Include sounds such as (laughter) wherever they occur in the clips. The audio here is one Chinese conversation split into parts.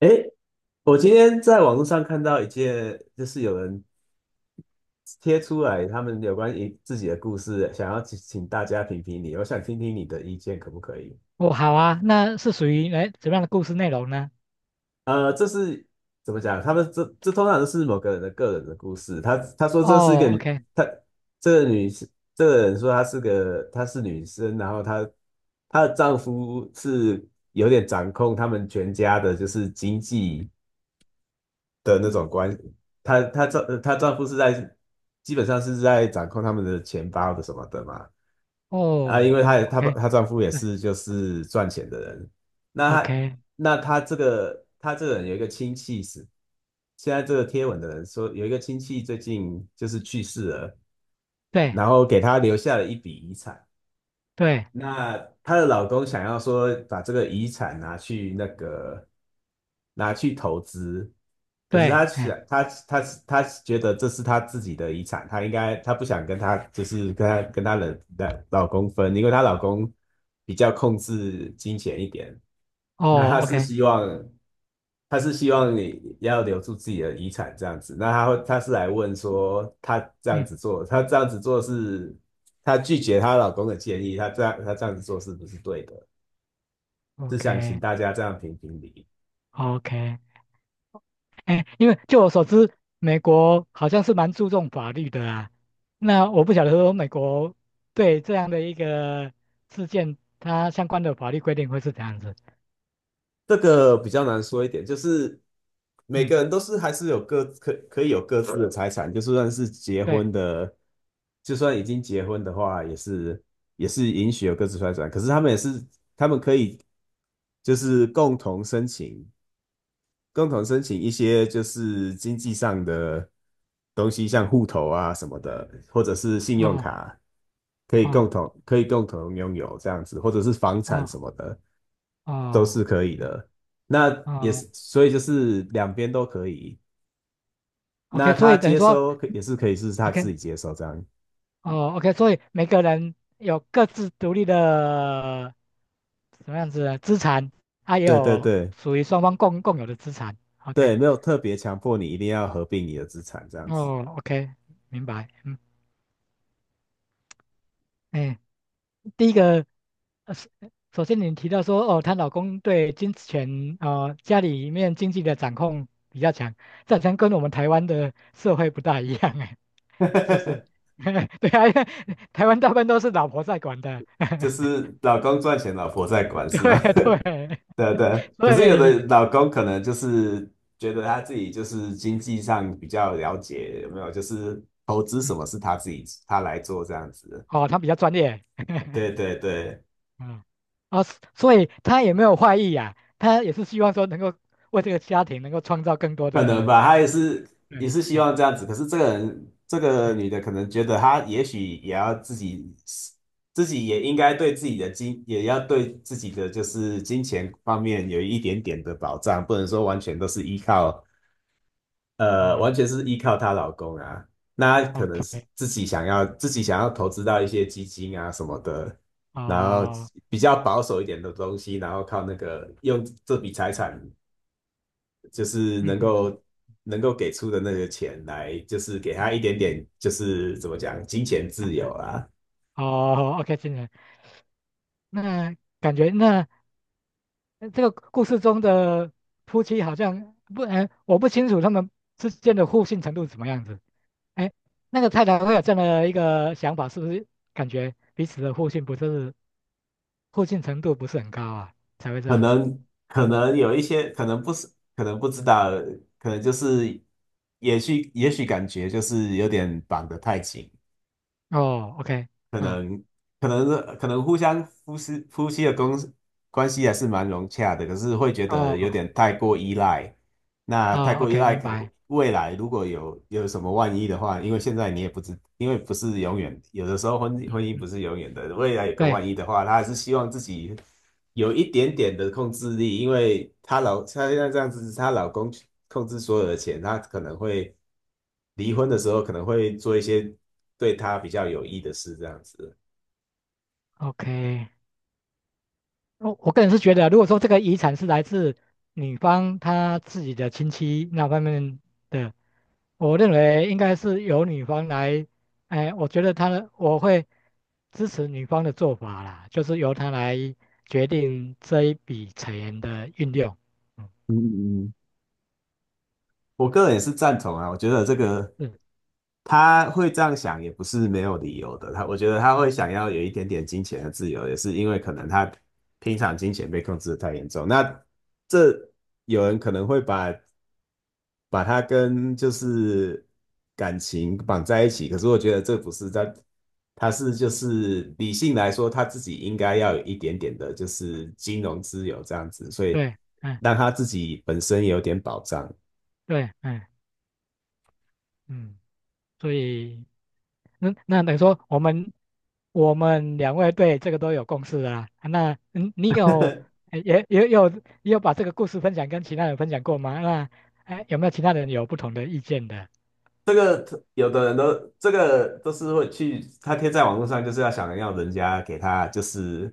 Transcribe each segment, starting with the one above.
诶，我今天在网络上看到一件，就是有人贴出来他们有关于自己的故事，想要请大家评评理，我想听听你的意见，可不可以？哦，好啊，那是属于怎么样的故事内容呢？这是怎么讲？他们这通常都是某个人的个人的故事。他说这是一个哦，OK，他这个女士这个人说她是女生，然后她的丈夫是有点掌控他们全家的，就是经济。的那种关，她丈夫是在基本上是在掌控他们的钱包的什么的嘛。啊，因哦为，OK，她丈夫也是 是就是赚钱的人，那她 OK，那她这个她这个人有一个亲戚是现在这个贴文的人说有一个亲戚最近就是去世了，对然后给她留下了一笔遗产。对那她的老公想要说把这个遗产拿去投资，可是对，哎，她她觉得这是她自己的遗产，她应该她不想跟她就是跟她跟她的老公分，因为她老公比较控制金钱一点。那哦他是，OK，希望，他是希望你要留住自己的遗产这样子。那他会，他是来问说，嗯他这样子做是，他拒绝她老公的建议，他这样子做是不是对的？是想请，OK，OK，大家这样评评理。哎，因为就我所知，美国好像是蛮注重法律的啊。那我不晓得说美国对这样的一个事件，它相关的法律规定会是怎样子？这个比较难说一点，就是每嗯，个人都是还是有可以有各自的财产，就算是结对，婚的，就算已经结婚的话，也是允许有各自财产。可是他们也是。就是共同申请，一些就是经济上的东西，像户头啊什么的，或者是信用哦卡，哦可以共同拥有这样子，或者是房产什哦么的，都哦，是可以嗯的。那也哦是，所以就是两边都可以。那，OK，所他以等于接说。收可也是可以是他自 OK，己接收这样。哦，OK，所以每个人有各自独立的什么样子的资产，他也对对有对属于双方共有的资产。OK，对，没有特别强迫你一定要合并你的资产这样子。哦，OK，明白。嗯，哎，第一个，是首先您提到说，哦，她老公对金钱，家里面经济的掌控比较强，这好像跟我们台湾的社会不大一样，哎，是不是？(laughs) (laughs) 对啊，因为台湾大部分都是老婆在管的，就 (laughs) 是老公赚钱，老婆在管，是对吗？(laughs) 对，对对。可所是有的以。老公可能就是觉得他自己就是经济上比较了解，有没有？就是投资什嗯么是他自己他来做这样子。哦，他比较专业，对对对，嗯，啊、所以他也没有坏意呀、他也是希望说能够为这个家庭能够创造更多可能的，吧，他也对，是希哎望这样子。可是这个人这个女的哎可能觉得她也许也要自己也应该对自己的金，也要对自己的就是金钱方面有一点点的保障，不能说完全都是依靠完嗯全是依靠她老公啊。那她哦可能是，OK，自己想要投资到一些基金啊什么的，然后哦，比较保守一点的东西，然后靠那个用这笔财产，就是嗯嗯嗯能嗯够给出的那个钱来，就是给嗯她一点嗯，点，就是怎么讲，金钱啊自由啊啊。哦，OK，金人，那感觉那这个故事中的夫妻好像不，哎，我不清楚他们之间的互信程度是怎么样子，哎，那个太太会有这样的一个想法，是不是感觉彼此的互信不是？互信程度不是很高啊，才会这样子。可能有一些，可能不是，可能不知道，可能就是也许感觉就是有点绑得太紧。哦，OK，可啊，能可能夫妻的关系还是蛮融洽的，可是会觉得有哦，点太过依赖。那太啊过依，OK，赖明可，白。未来如果有什么万一的话，因为现在你也不知，因为不是永远，有的时候婚姻不嗯，是永远的，未来有个对万一的话，她还是希望自己有一点点的控制力，因为她现在这样子，她老公控制所有的钱，她可能会离婚的时候可能会做一些对他比较有益的事，这样子。，OK。我个人是觉得啊，如果说这个遗产是来自女方她自己的亲戚那方面的，我认为应该是由女方来，哎，我觉得她的我会支持女方的做法啦，就是由她来决定这一笔钱的运用。嗯，嗯嗯嗯。我个人也是赞同啊。我觉得这个是，他会这样想也不是没有理由的。我觉得他会嗯想要有一点点金钱的自由，也是因为可能他平常金钱被控制的太严重。那这有人可能会把它跟就是感情绑在一起，可是我觉得这不是在，他是就是理性来说，他自己应该要有一点点的，就是金融自由这样子，所以对，嗯，让他自己本身有点保障。对，嗯嗯，所以。嗯，那等于说我们两位对这个都有共识了啦。啊那嗯，你有也有把这个故事分享跟其他人分享过吗？那哎，有没有其他人有不同的意见的？这个有的人都这个都是会去，他贴在网络上就是要想要人家给他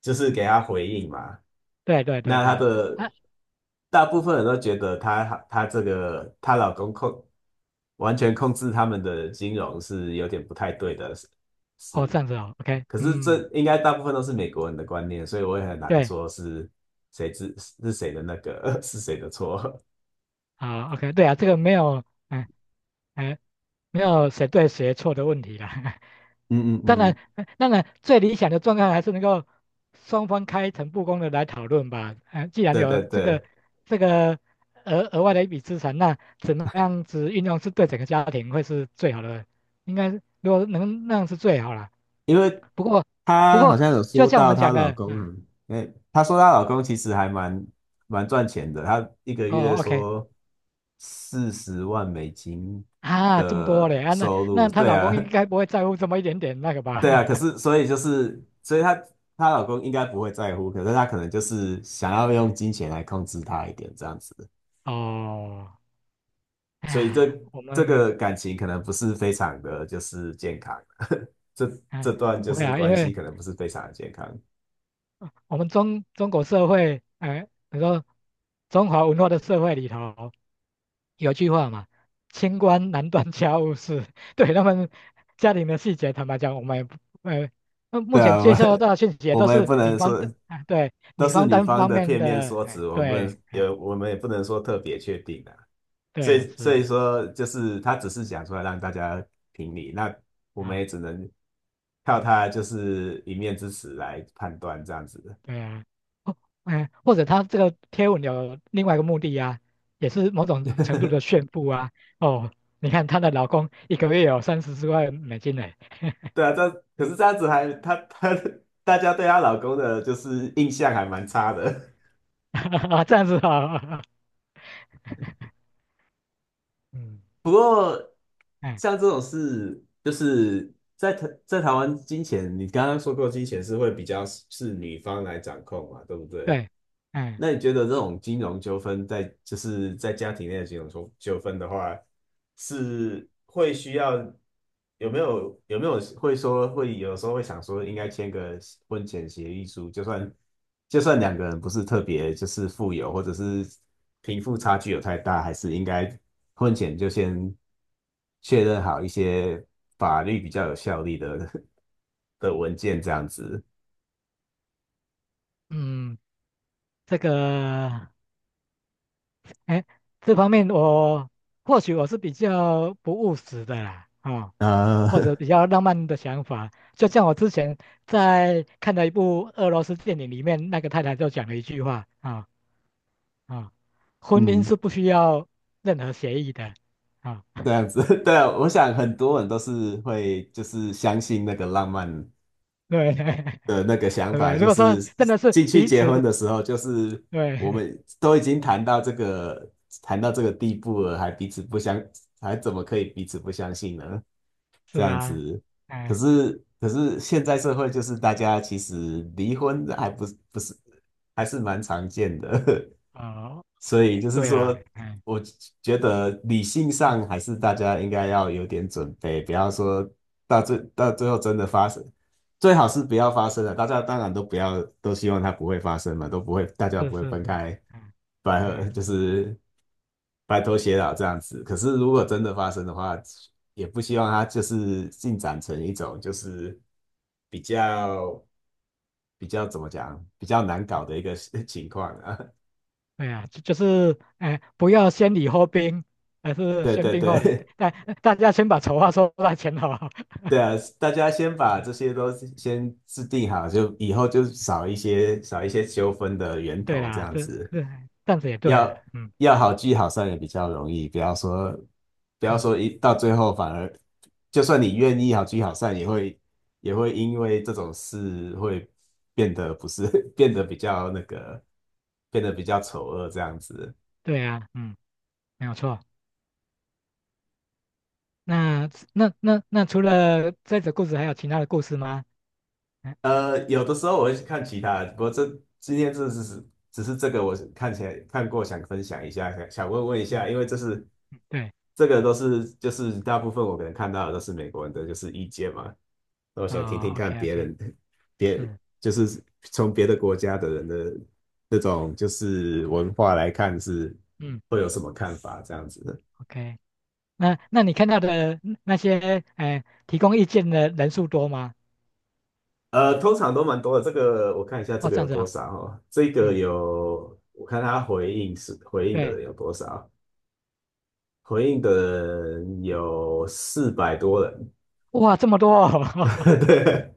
就是给他回应嘛。对对对那对，他的啊，大部分人都觉得他这个她老公完全控制他们的金融是有点不太对的事哦，是。这样子哦，OK，可是嗯，这应该大部分都是美国人的观念，所以我也很难对，说是谁是是谁的那个 (laughs) 是谁的错。好，OK，对啊，这个没有，嗯、哎，没有谁对谁错的问题啦。(laughs) 嗯嗯当嗯，然，当然，最理想的状态还是能够双方开诚布公的来讨论吧。既然对有对这个对。这个额外的一笔资产，那怎么样子运用是对整个家庭会是最好的？应该如果能那样是最好了。因为不过，不她好过像有就说像我到们讲她老的，公啊，嗯，哎，她说她老公其实蛮赚钱的，他一个月哦，OK，说40万美金啊，这么多嘞的啊，那收入。她对老啊，公应该不会在乎这么一点点那个吧？对啊，可 (laughs) 是所以就是，所以她老公应该不会在乎，可是她可能就是想要用嗯，金钱来控制她一点这样子，哦，所以哎，我这们。个感情可能不是非常的就是健康，(laughs) 这啊这段就不会是啊，因关系为可能不是非常的健康。我们中国社会，哎、你说中华文化的社会里头有句话嘛，清官难断家务事。(laughs) 对他们家庭的细节，坦白讲，我们也不，呃，那对目啊，前接收到的讯息也我都们也是不女能方说的，哎、对，都女是方女单方方的面片面的，说哎、辞，对，哎、我们也不能说特别确定啊。对，是所啊，以说，就是她只是讲出来让大家评理，那我们啊、也只能靠嗯，她就是一面之词来判断这样子的。对啊，哦，哎、或者他这个贴文有另外一个目的啊，也是某种程度的 (laughs) 炫富啊，哦。你看她的老公一个月有34万美金呢，对啊，这可是这样子还他大家对她老公的就是印象还蛮差的。(laughs) 啊，这样子啊，嗯，不过 (laughs) 哎，像这种事，就是在台湾金钱，你刚刚说过金钱是会比较是女方来掌控嘛，对不对？对，哎，那你觉得这种金融纠纷就是在家庭内的金融纠纷的话，是会需要？有没有会说会有时候会想说应该签个婚前协议书，就算两个人不是特别就是富有，或者是贫富差距有太大，还是应该婚前就先确认好一些法律比较有效力的 (laughs) 的文件这样子。嗯，这个，哎，这方面我或许我是比较不务实的啦，啊、啊，或者比 (laughs) 较浪漫的想法，就像我之前在看的一部俄罗斯电影里面，那个太太就讲了一句话啊啊，婚姻嗯，是不需要任何协议的啊，这样子，(laughs) 对啊，我想很多人都是会就是相信那个浪漫对 的那个 (laughs) 想对不法，对？如就果说是真的是进去彼结婚此，的时候，就是我对，们都已经谈到这个谈到这个地步了，还彼此不相，还怎么可以彼此不相信呢？(laughs) 这是样啊，子，哎，可是现在社会就是大家其实离婚还不是不是还是蛮常见的，(laughs) 哦、所以就是对啦，说，哎，我觉得理性嗯，上还是大家应该要有点准备，不要说到最后真的发生。最好是不要发生了。大家当然都不要，都希望它不会发生嘛，都不会，大家是不会是分是，开，哎白合哎就是，是白头偕老这样子。可是如果真的发生的话，也不希望它就是进展成一种就是比较比较怎么讲，比较难搞的一个 (laughs) 情况啊。(laughs) 对啊，就是哎，不要先礼后兵，而是对先对兵后礼，对，大家先把丑话说在前头。对啊，大家先把这 (laughs) 些都先制定好，就以后就少一些纠纷的源对头，这啦，样子这样子也对要啦，嗯要好聚好散也比较容易，不要嗯，说一到最后反而，就算你愿意好聚好散，也会因为这种事会变得不是 (laughs) 变得比较那个变得比较丑恶这样子。对啊，嗯，没有错。那除了这则故事，还有其他的故事吗？嗯呃，有的时候我会去看其他的，不过今天这只是这个我看起来看过，想分享一下，想问一下，嗯，因为对，这个都是就是大部分我可能看到的都是美国人的就是意见嘛，那我想听听哦看，OK 别 OK，人别是，就是从别的国家的人的那种就是文化来看是嗯会有什么看法这样子的。，OK。那你看到的那些，哎、提供意见的人数多吗？呃，通常都蛮多的。这个我看一下，这哦，个这有样子多啊。少哦？这个嗯，有，我看他回应是回应的对，人有多少。回应的人有400多人。哇，这么多哦，(laughs) (laughs) 对，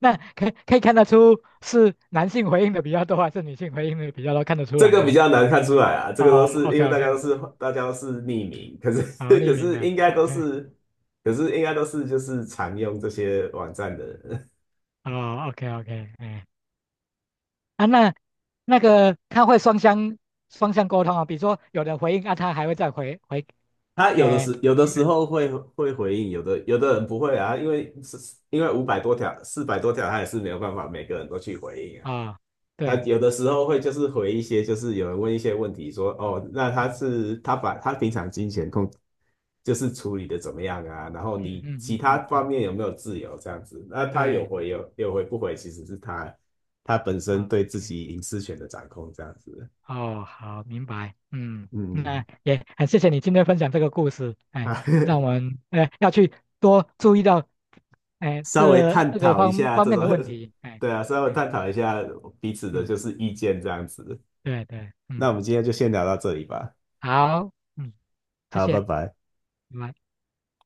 那可以看得出是男性回应的比较多，还是女性回应的比较多？看得出这来个比吗？较难看出来啊，这个都哦是因，OK 为OK，大家都是匿名，可是 好，(laughs) 匿可名是的应该都，OK，是，可是应该都是就是常用这些网站的人。哦，OK OK，哎，啊，那个他会双向沟通啊，比如说有人回应啊，他还会再回回，(laughs) 他有的哎，时有的时嗯候会回应，有的人不会啊，因为因为500多条400多条，他也是没有办法每个人都去回应啊。啊，哦他对，有的时候会就是回一些，就是有人问一些问题说，哦，那嗯他把他平常金钱就是处理的怎么样啊，然后嗯你嗯其嗯他嗯嗯，方面有没有自由这样子，那他对对，的有回不回，其实是他本身对自，OK，己隐私权的掌控这样子。哦，好，明白。嗯，嗯，那也很谢谢你今天分享这个故事，哎，啊，让我们要去多注意到，(laughs) 哎，稍微探这个讨一下方这面种，的问题，哎，对啊，稍微哎，探讨一下彼此的对就是意见这样子。对对，嗯，那我们今天就先聊到这里吧，好，嗯，谢好，谢，拜拜。拜拜。